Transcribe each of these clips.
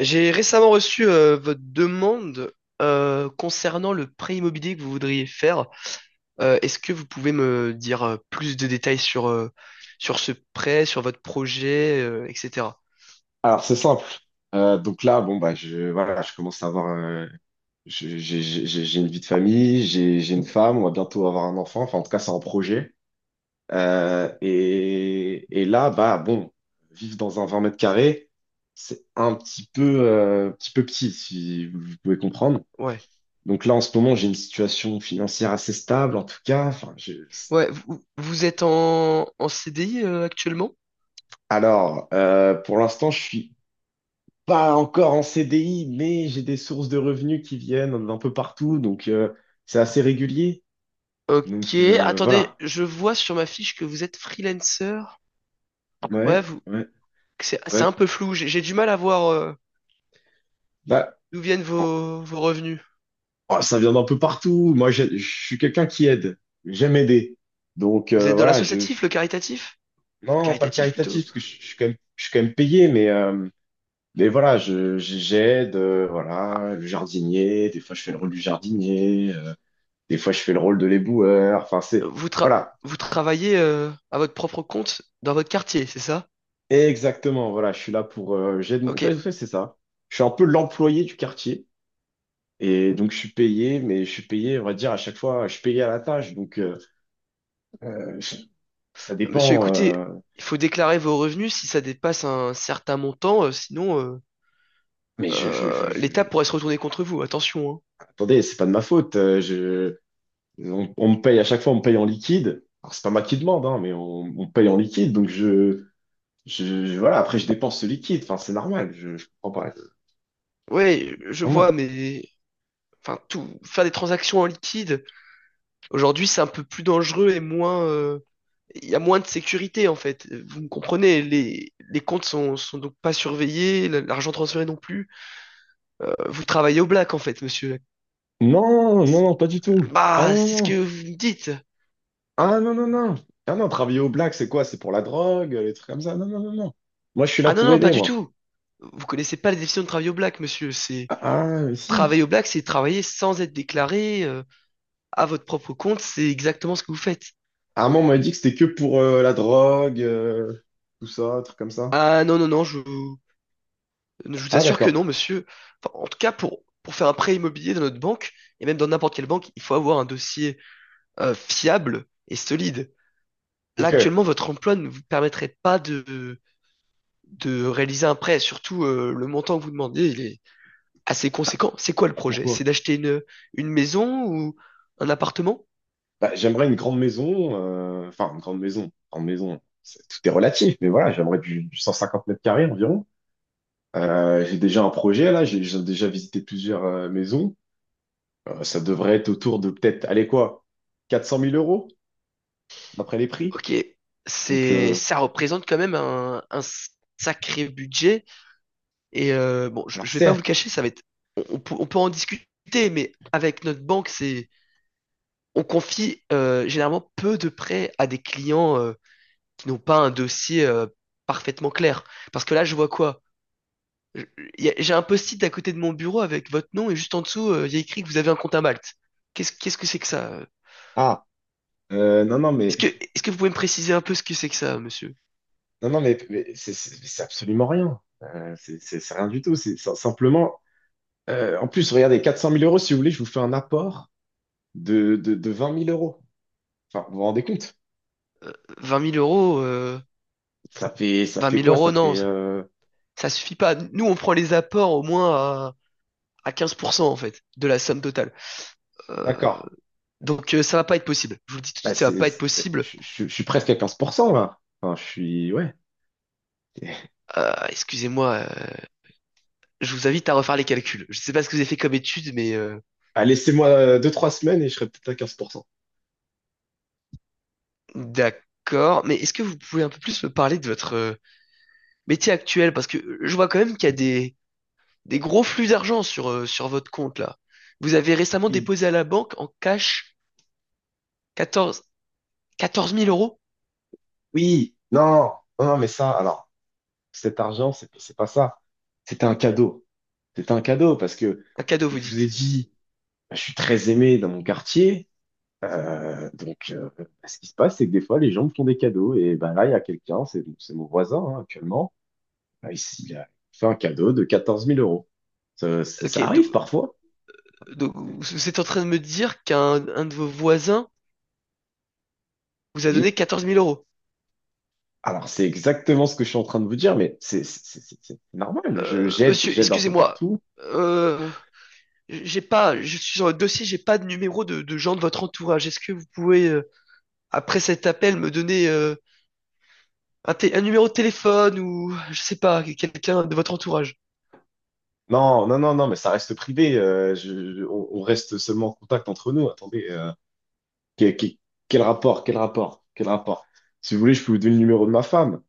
J'ai récemment reçu votre demande concernant le prêt immobilier que vous voudriez faire. Est-ce que vous pouvez me dire plus de détails sur, sur ce prêt, sur votre projet, etc. Alors, c'est simple. Donc là, bon, bah, voilà, je commence à avoir. J'ai une vie de famille, j'ai une femme, on va bientôt avoir un enfant. Enfin, en tout cas, c'est un projet. Et là, bah, bon, vivre dans un 20 mètres carrés, c'est un petit peu, petit peu petit, si vous pouvez comprendre. Ouais. Donc là, en ce moment, j'ai une situation financière assez stable, en tout cas. Enfin, je... Ouais, vous êtes en CDI actuellement? Alors, pour l'instant, je suis pas encore en CDI, mais j'ai des sources de revenus qui viennent d'un peu partout, donc c'est assez régulier. Ok, Donc, attendez, voilà. je vois sur ma fiche que vous êtes freelancer. Ouais, Ouais, vous, ouais, c'est ouais. un peu flou, j'ai du mal à voir Bah, d'où viennent oh, vos, vos revenus. oh, ça vient d'un peu partout. Moi, je suis quelqu'un qui aide. J'aime aider. Donc, Vous êtes dans voilà, l'associatif, le caritatif? Enfin, non, pas le caritatif plutôt. caritatif, parce que je suis quand même, je suis quand même payé, mais mais voilà, j'aide. Voilà, le jardinier. Des fois, je fais le rôle du jardinier. Des fois, je fais le rôle de l'éboueur. Enfin, c'est Vous, tra- voilà. Vous travaillez à votre propre compte dans votre quartier, c'est ça? Exactement, voilà, je suis là pour... En Ok. fait, c'est ça. Je suis un peu l'employé du quartier. Et donc, je suis payé, mais je suis payé, on va dire, à chaque fois, je suis payé à la tâche. Donc, euh, je- ça Monsieur, dépend. écoutez, il faut déclarer vos revenus si ça dépasse un certain montant, sinon mais je, je, je, je... l'État pourrait se retourner contre vous. Attention, hein. Attendez, c'est pas de ma faute. On me paye à chaque fois, on me paye en liquide. Alors, c'est pas moi qui demande, hein, mais on me paye en liquide. Donc, voilà, après, je dépense ce liquide. Enfin, c'est normal. Je comprends pas. C'est Ouais, je normal. vois, mais enfin tout faire des transactions en liquide, aujourd'hui c'est un peu plus dangereux et moins il y a moins de sécurité en fait. Vous me comprenez, les comptes sont, sont donc pas surveillés, l'argent transféré non plus. Vous travaillez au black en fait, monsieur. Non, non, non, pas du tout. Ah Bah, non, c'est non, ce que non. vous me dites. Ah non, non, non. Ah non, travailler au black, c'est quoi? C'est pour la drogue, les trucs comme ça. Non, non, non, non. Moi, je suis là Ah non, pour non, pas aider, du moi. tout. Vous connaissez pas les définitions de travail au black, monsieur. C'est Ah, ah, mais si. travailler au black, c'est travailler sans être déclaré à votre propre compte. C'est exactement ce que vous faites. À un moment, on m'a dit que c'était que pour la drogue, tout ça, trucs comme ça. Ah non, non, non, je vous Ah, assure que d'accord. non, monsieur. Enfin, en tout cas, pour faire un prêt immobilier dans notre banque, et même dans n'importe quelle banque, il faut avoir un dossier fiable et solide. Là, Ok. actuellement, votre emploi ne vous permettrait pas de, de réaliser un prêt. Surtout, le montant que vous demandez, assez conséquent. C'est quoi le Ah, projet? C'est pourquoi? d'acheter une maison ou un appartement? Bah, j'aimerais une grande maison. Enfin, une grande maison. Grande maison. Tout est relatif, mais voilà, j'aimerais du 150 mètres carrés environ. J'ai déjà un projet, là. J'ai déjà visité plusieurs maisons. Ça devrait être autour de peut-être, allez quoi, 400 000 euros, d'après les prix. Ok, Donc, c'est, ça représente quand même un sacré budget. Et bon, alors je vais pas vous le certes, cacher, ça va être, on peut en discuter, mais avec notre banque, c'est, on confie généralement peu de prêts à des clients qui n'ont pas un dossier parfaitement clair. Parce que là, je vois quoi? Je- J'ai un post-it à côté de mon bureau avec votre nom et juste en dessous, il y a écrit que vous avez un compte à Malte. Qu'est-ce que c'est que ça? ah, non, non, mais, Est-ce que vous pouvez me préciser un peu ce que c'est que ça, monsieur? non, non, mais c'est c'est absolument rien. C'est c'est rien du tout. C'est simplement, en plus, regardez, 400 000 euros, si vous voulez, je vous fais un apport de 20 000 euros. Enfin, vous vous rendez compte? 20 000 euros, Ça fait, ça 20 fait 000 quoi? Ça euros, non, fait, ça suffit pas. Nous, on prend les apports au moins à 15% en fait de la somme totale. Euh, d'accord. donc ça va pas être possible. Je vous le dis tout de Bah, suite, ça va pas être possible. Je suis presque à 15% là. Enfin, je suis, ouais. Excusez-moi, je vous invite à refaire les calculs. Je sais pas ce que vous avez fait comme étude, mais Ah, laissez-moi deux trois semaines et je serai peut-être à 15%. d'accord. Mais est-ce que vous pouvez un peu plus me parler de votre métier actuel? Parce que je vois quand même qu'il y a des gros flux d'argent sur votre compte là. Vous avez récemment Oui, déposé à la banque en cash 14, 14 000 euros? oui, non, non, non, mais ça, alors. Cet argent, c'est pas ça. C'était un cadeau. C'était un cadeau parce que Un cadeau, vous je vous ai dites. dit, bah, je suis très aimé dans mon quartier. Donc, bah, ce qui se passe, c'est que des fois, les gens me font des cadeaux. Et ben là, il y a quelqu'un, c'est mon voisin, hein, actuellement. Ben, ici, il a fait un cadeau de 14 000 euros. Ça, ça, Ok, ça do- arrive parfois. donc, C'est- vous êtes en train de me dire qu'un de vos voisins vous a Oui. donné 14 000 euros. Alors, c'est exactement ce que je suis en train de vous dire, mais c'est normal. Je, j'aide, Monsieur, j'aide un peu excusez-moi. partout. Euh, j'ai pas, je suis sur le dossier, j'ai pas de numéro de gens de votre entourage. Est-ce que vous pouvez, après cet appel, me donner, un numéro de téléphone ou je sais pas, quelqu'un de votre entourage. Non, non, non, non, mais ça reste privé. On reste seulement en contact entre nous. Attendez, que- que- quel rapport, quel rapport, quel rapport? Si vous voulez, je peux vous donner le numéro de ma femme.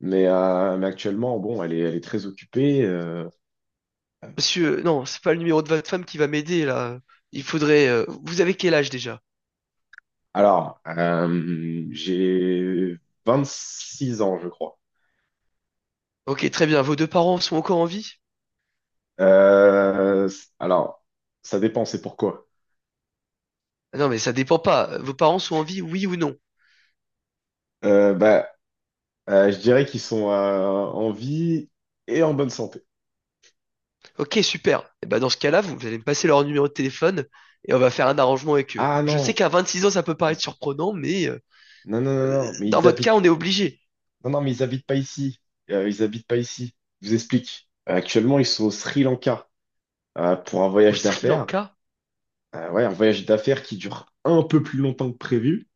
Mais actuellement, bon, elle est très occupée. Monsieur, non, c'est pas le numéro de votre femme qui va m'aider là. Il faudrait. Vous avez quel âge déjà? Alors, j'ai 26 ans, je crois. Ok, très bien. Vos deux parents sont encore en vie? Euh, alors, ça dépend, c'est pourquoi. Ah non, mais ça dépend pas. Vos parents sont en vie, oui ou non? Bah, je dirais qu'ils sont en vie et en bonne santé. Ok, super. Et bah dans ce cas-là, vous, vous allez me passer leur numéro de téléphone et on va faire un arrangement avec eux. Ah Je sais non, qu'à 26 ans, ça peut non, paraître surprenant, mais non, non, non, non. mais dans ils votre habitent cas, on est obligé. Non, non, mais ils habitent pas ici. Ils habitent pas ici. Je vous explique. Actuellement, ils sont au Sri Lanka pour un Au voyage Sri d'affaires. Lanka? Ouais, un voyage d'affaires qui dure un peu plus longtemps que prévu.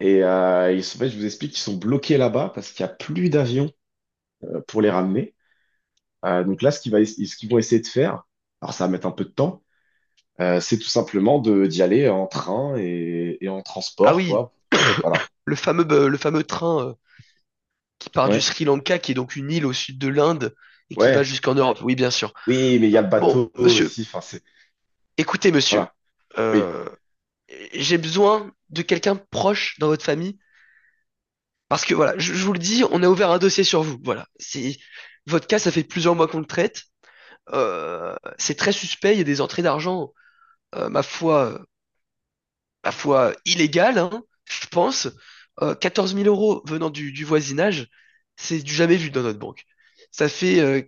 Et ils sont, en fait, je vous explique, ils sont bloqués là-bas parce qu'il n'y a plus d'avion pour les ramener. Donc là, ce qu'ils vont essayer de faire, alors ça va mettre un peu de temps, c'est tout simplement de d'y aller en train et en Ah transport, oui, quoi. Voilà. Le fameux train qui part du Ouais. Sri Lanka, qui est donc une île au sud de l'Inde et qui va Ouais. jusqu'en Europe. Oui, bien sûr. Oui, mais il y a le Bon, bateau monsieur, aussi. Enfin, c'est écoutez, monsieur, voilà. Oui, euh, j'ai besoin de quelqu'un proche dans votre famille parce que voilà, je vous le dis, on a ouvert un dossier sur vous. Voilà, c'est votre cas, ça fait plusieurs mois qu'on le traite. C'est très suspect. Il y a des entrées d'argent, euh, ma foi, ma foi illégales, hein, je pense. 14 000 euros venant du voisinage, c'est du jamais vu dans notre banque. Ça fait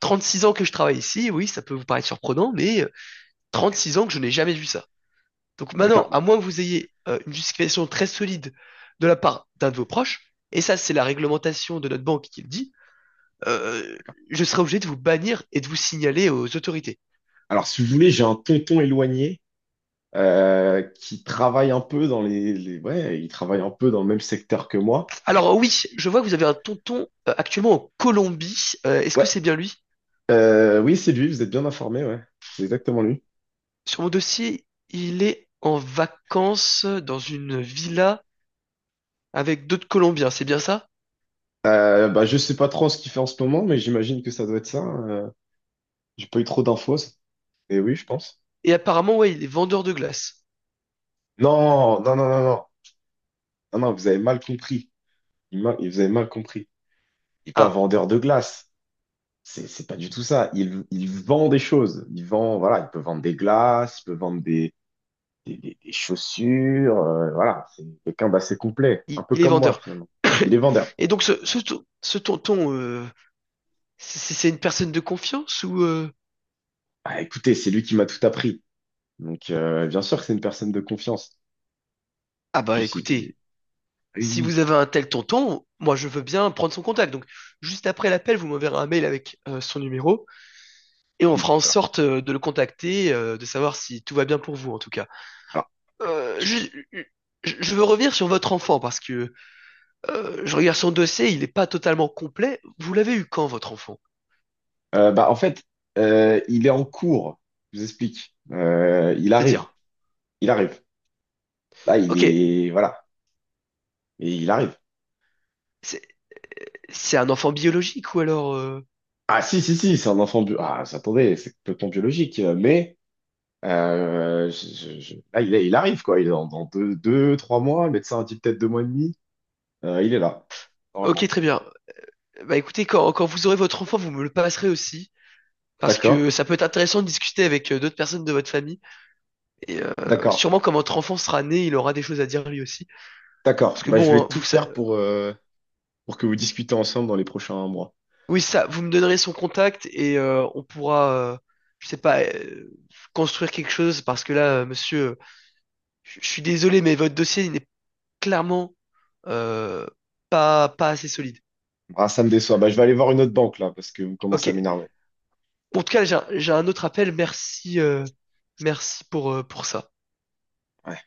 36 ans que je travaille ici. Oui, ça peut vous paraître surprenant, mais 36 ans que je n'ai jamais vu ça. Donc maintenant, d'accord. à moins que vous ayez une justification très solide de la part d'un de vos proches, et ça, c'est la réglementation de notre banque qui le dit, euh, je serai obligé de vous bannir et de vous signaler aux autorités. Alors, si vous voulez, j'ai un tonton éloigné qui travaille un peu. Ouais, il travaille un peu dans le même secteur que moi. Alors oui, je vois que vous avez un tonton actuellement en Colombie. Est-ce que Ouais, c'est bien lui? Oui, c'est lui, vous êtes bien informé, ouais. C'est exactement lui. Sur mon dossier, il est en vacances dans une villa avec d'autres Colombiens, c'est bien ça? Bah, je sais pas trop ce qu'il fait en ce moment, mais j'imagine que ça doit être ça. J'ai pas eu trop d'infos. Et oui, je pense. Et apparemment, ouais, il est vendeur de glace. Non, non, non, non, non. Non, non, vous avez mal compris. Vous avez mal compris. Il n'est pas Ah, vendeur de glace. C'est pas du tout ça. Il vend des choses. Il vend, voilà, il peut vendre des glaces, il peut vendre des chaussures, voilà, c'est quelqu'un d'assez complet, un peu il est comme moi vendeur. finalement. Il est vendeur. Et donc ce tonton, c'est une personne de confiance ou... Ah, écoutez, c'est lui qui m'a tout appris. Donc, bien sûr que c'est une personne de confiance. Ah bah Tu sais, écoutez, oui, si oui, vous avez un tel tonton, moi je veux bien prendre son contact. Donc juste après l'appel, vous m'enverrez un mail avec son numéro. Et on oui. fera en Alors, sorte de le contacter, de savoir si tout va bien pour vous en tout cas. alors, ouais. Euh, je, je- veux revenir sur votre enfant parce que je regarde son dossier, il n'est pas totalement complet. Vous l'avez eu quand votre enfant? Bah, en fait, il est en cours. Je vous explique. Euh, il arrive, C'est-à-dire, il arrive. Là, il ok, est, voilà, et il arrive. c'est c'est un enfant biologique ou alors... Ah, si, si, si, c'est un enfant bio. Ah, attendez, c'est complètement biologique, mais. Euh, je- je- Là, il arrive, quoi. Il est dans trois mois. Le médecin a dit peut-être 2 mois et demi. Il est là, Ok, normalement. très bien. Bah écoutez, quand, quand vous aurez votre enfant, vous me le passerez aussi. Parce D'accord, que ça peut être intéressant de discuter avec d'autres personnes de votre famille. Et d'accord, sûrement quand votre enfant sera né, il aura des choses à dire lui aussi. d'accord. Parce que Bah, je bon, vais hein, tout vous, sa- faire pour que vous discutez ensemble dans les prochains mois. Oui, ça, vous me donnerez son contact et on pourra, je sais pas, construire quelque chose parce que là, monsieur, je suis désolé, mais votre dossier il n'est clairement euh, pas assez solide. Ah, ça me déçoit. Bah, je vais aller voir une autre banque, là, parce que vous Ok. commencez à m'énerver. En tout cas, j'ai un autre appel. Merci, merci pour ça. Ouais.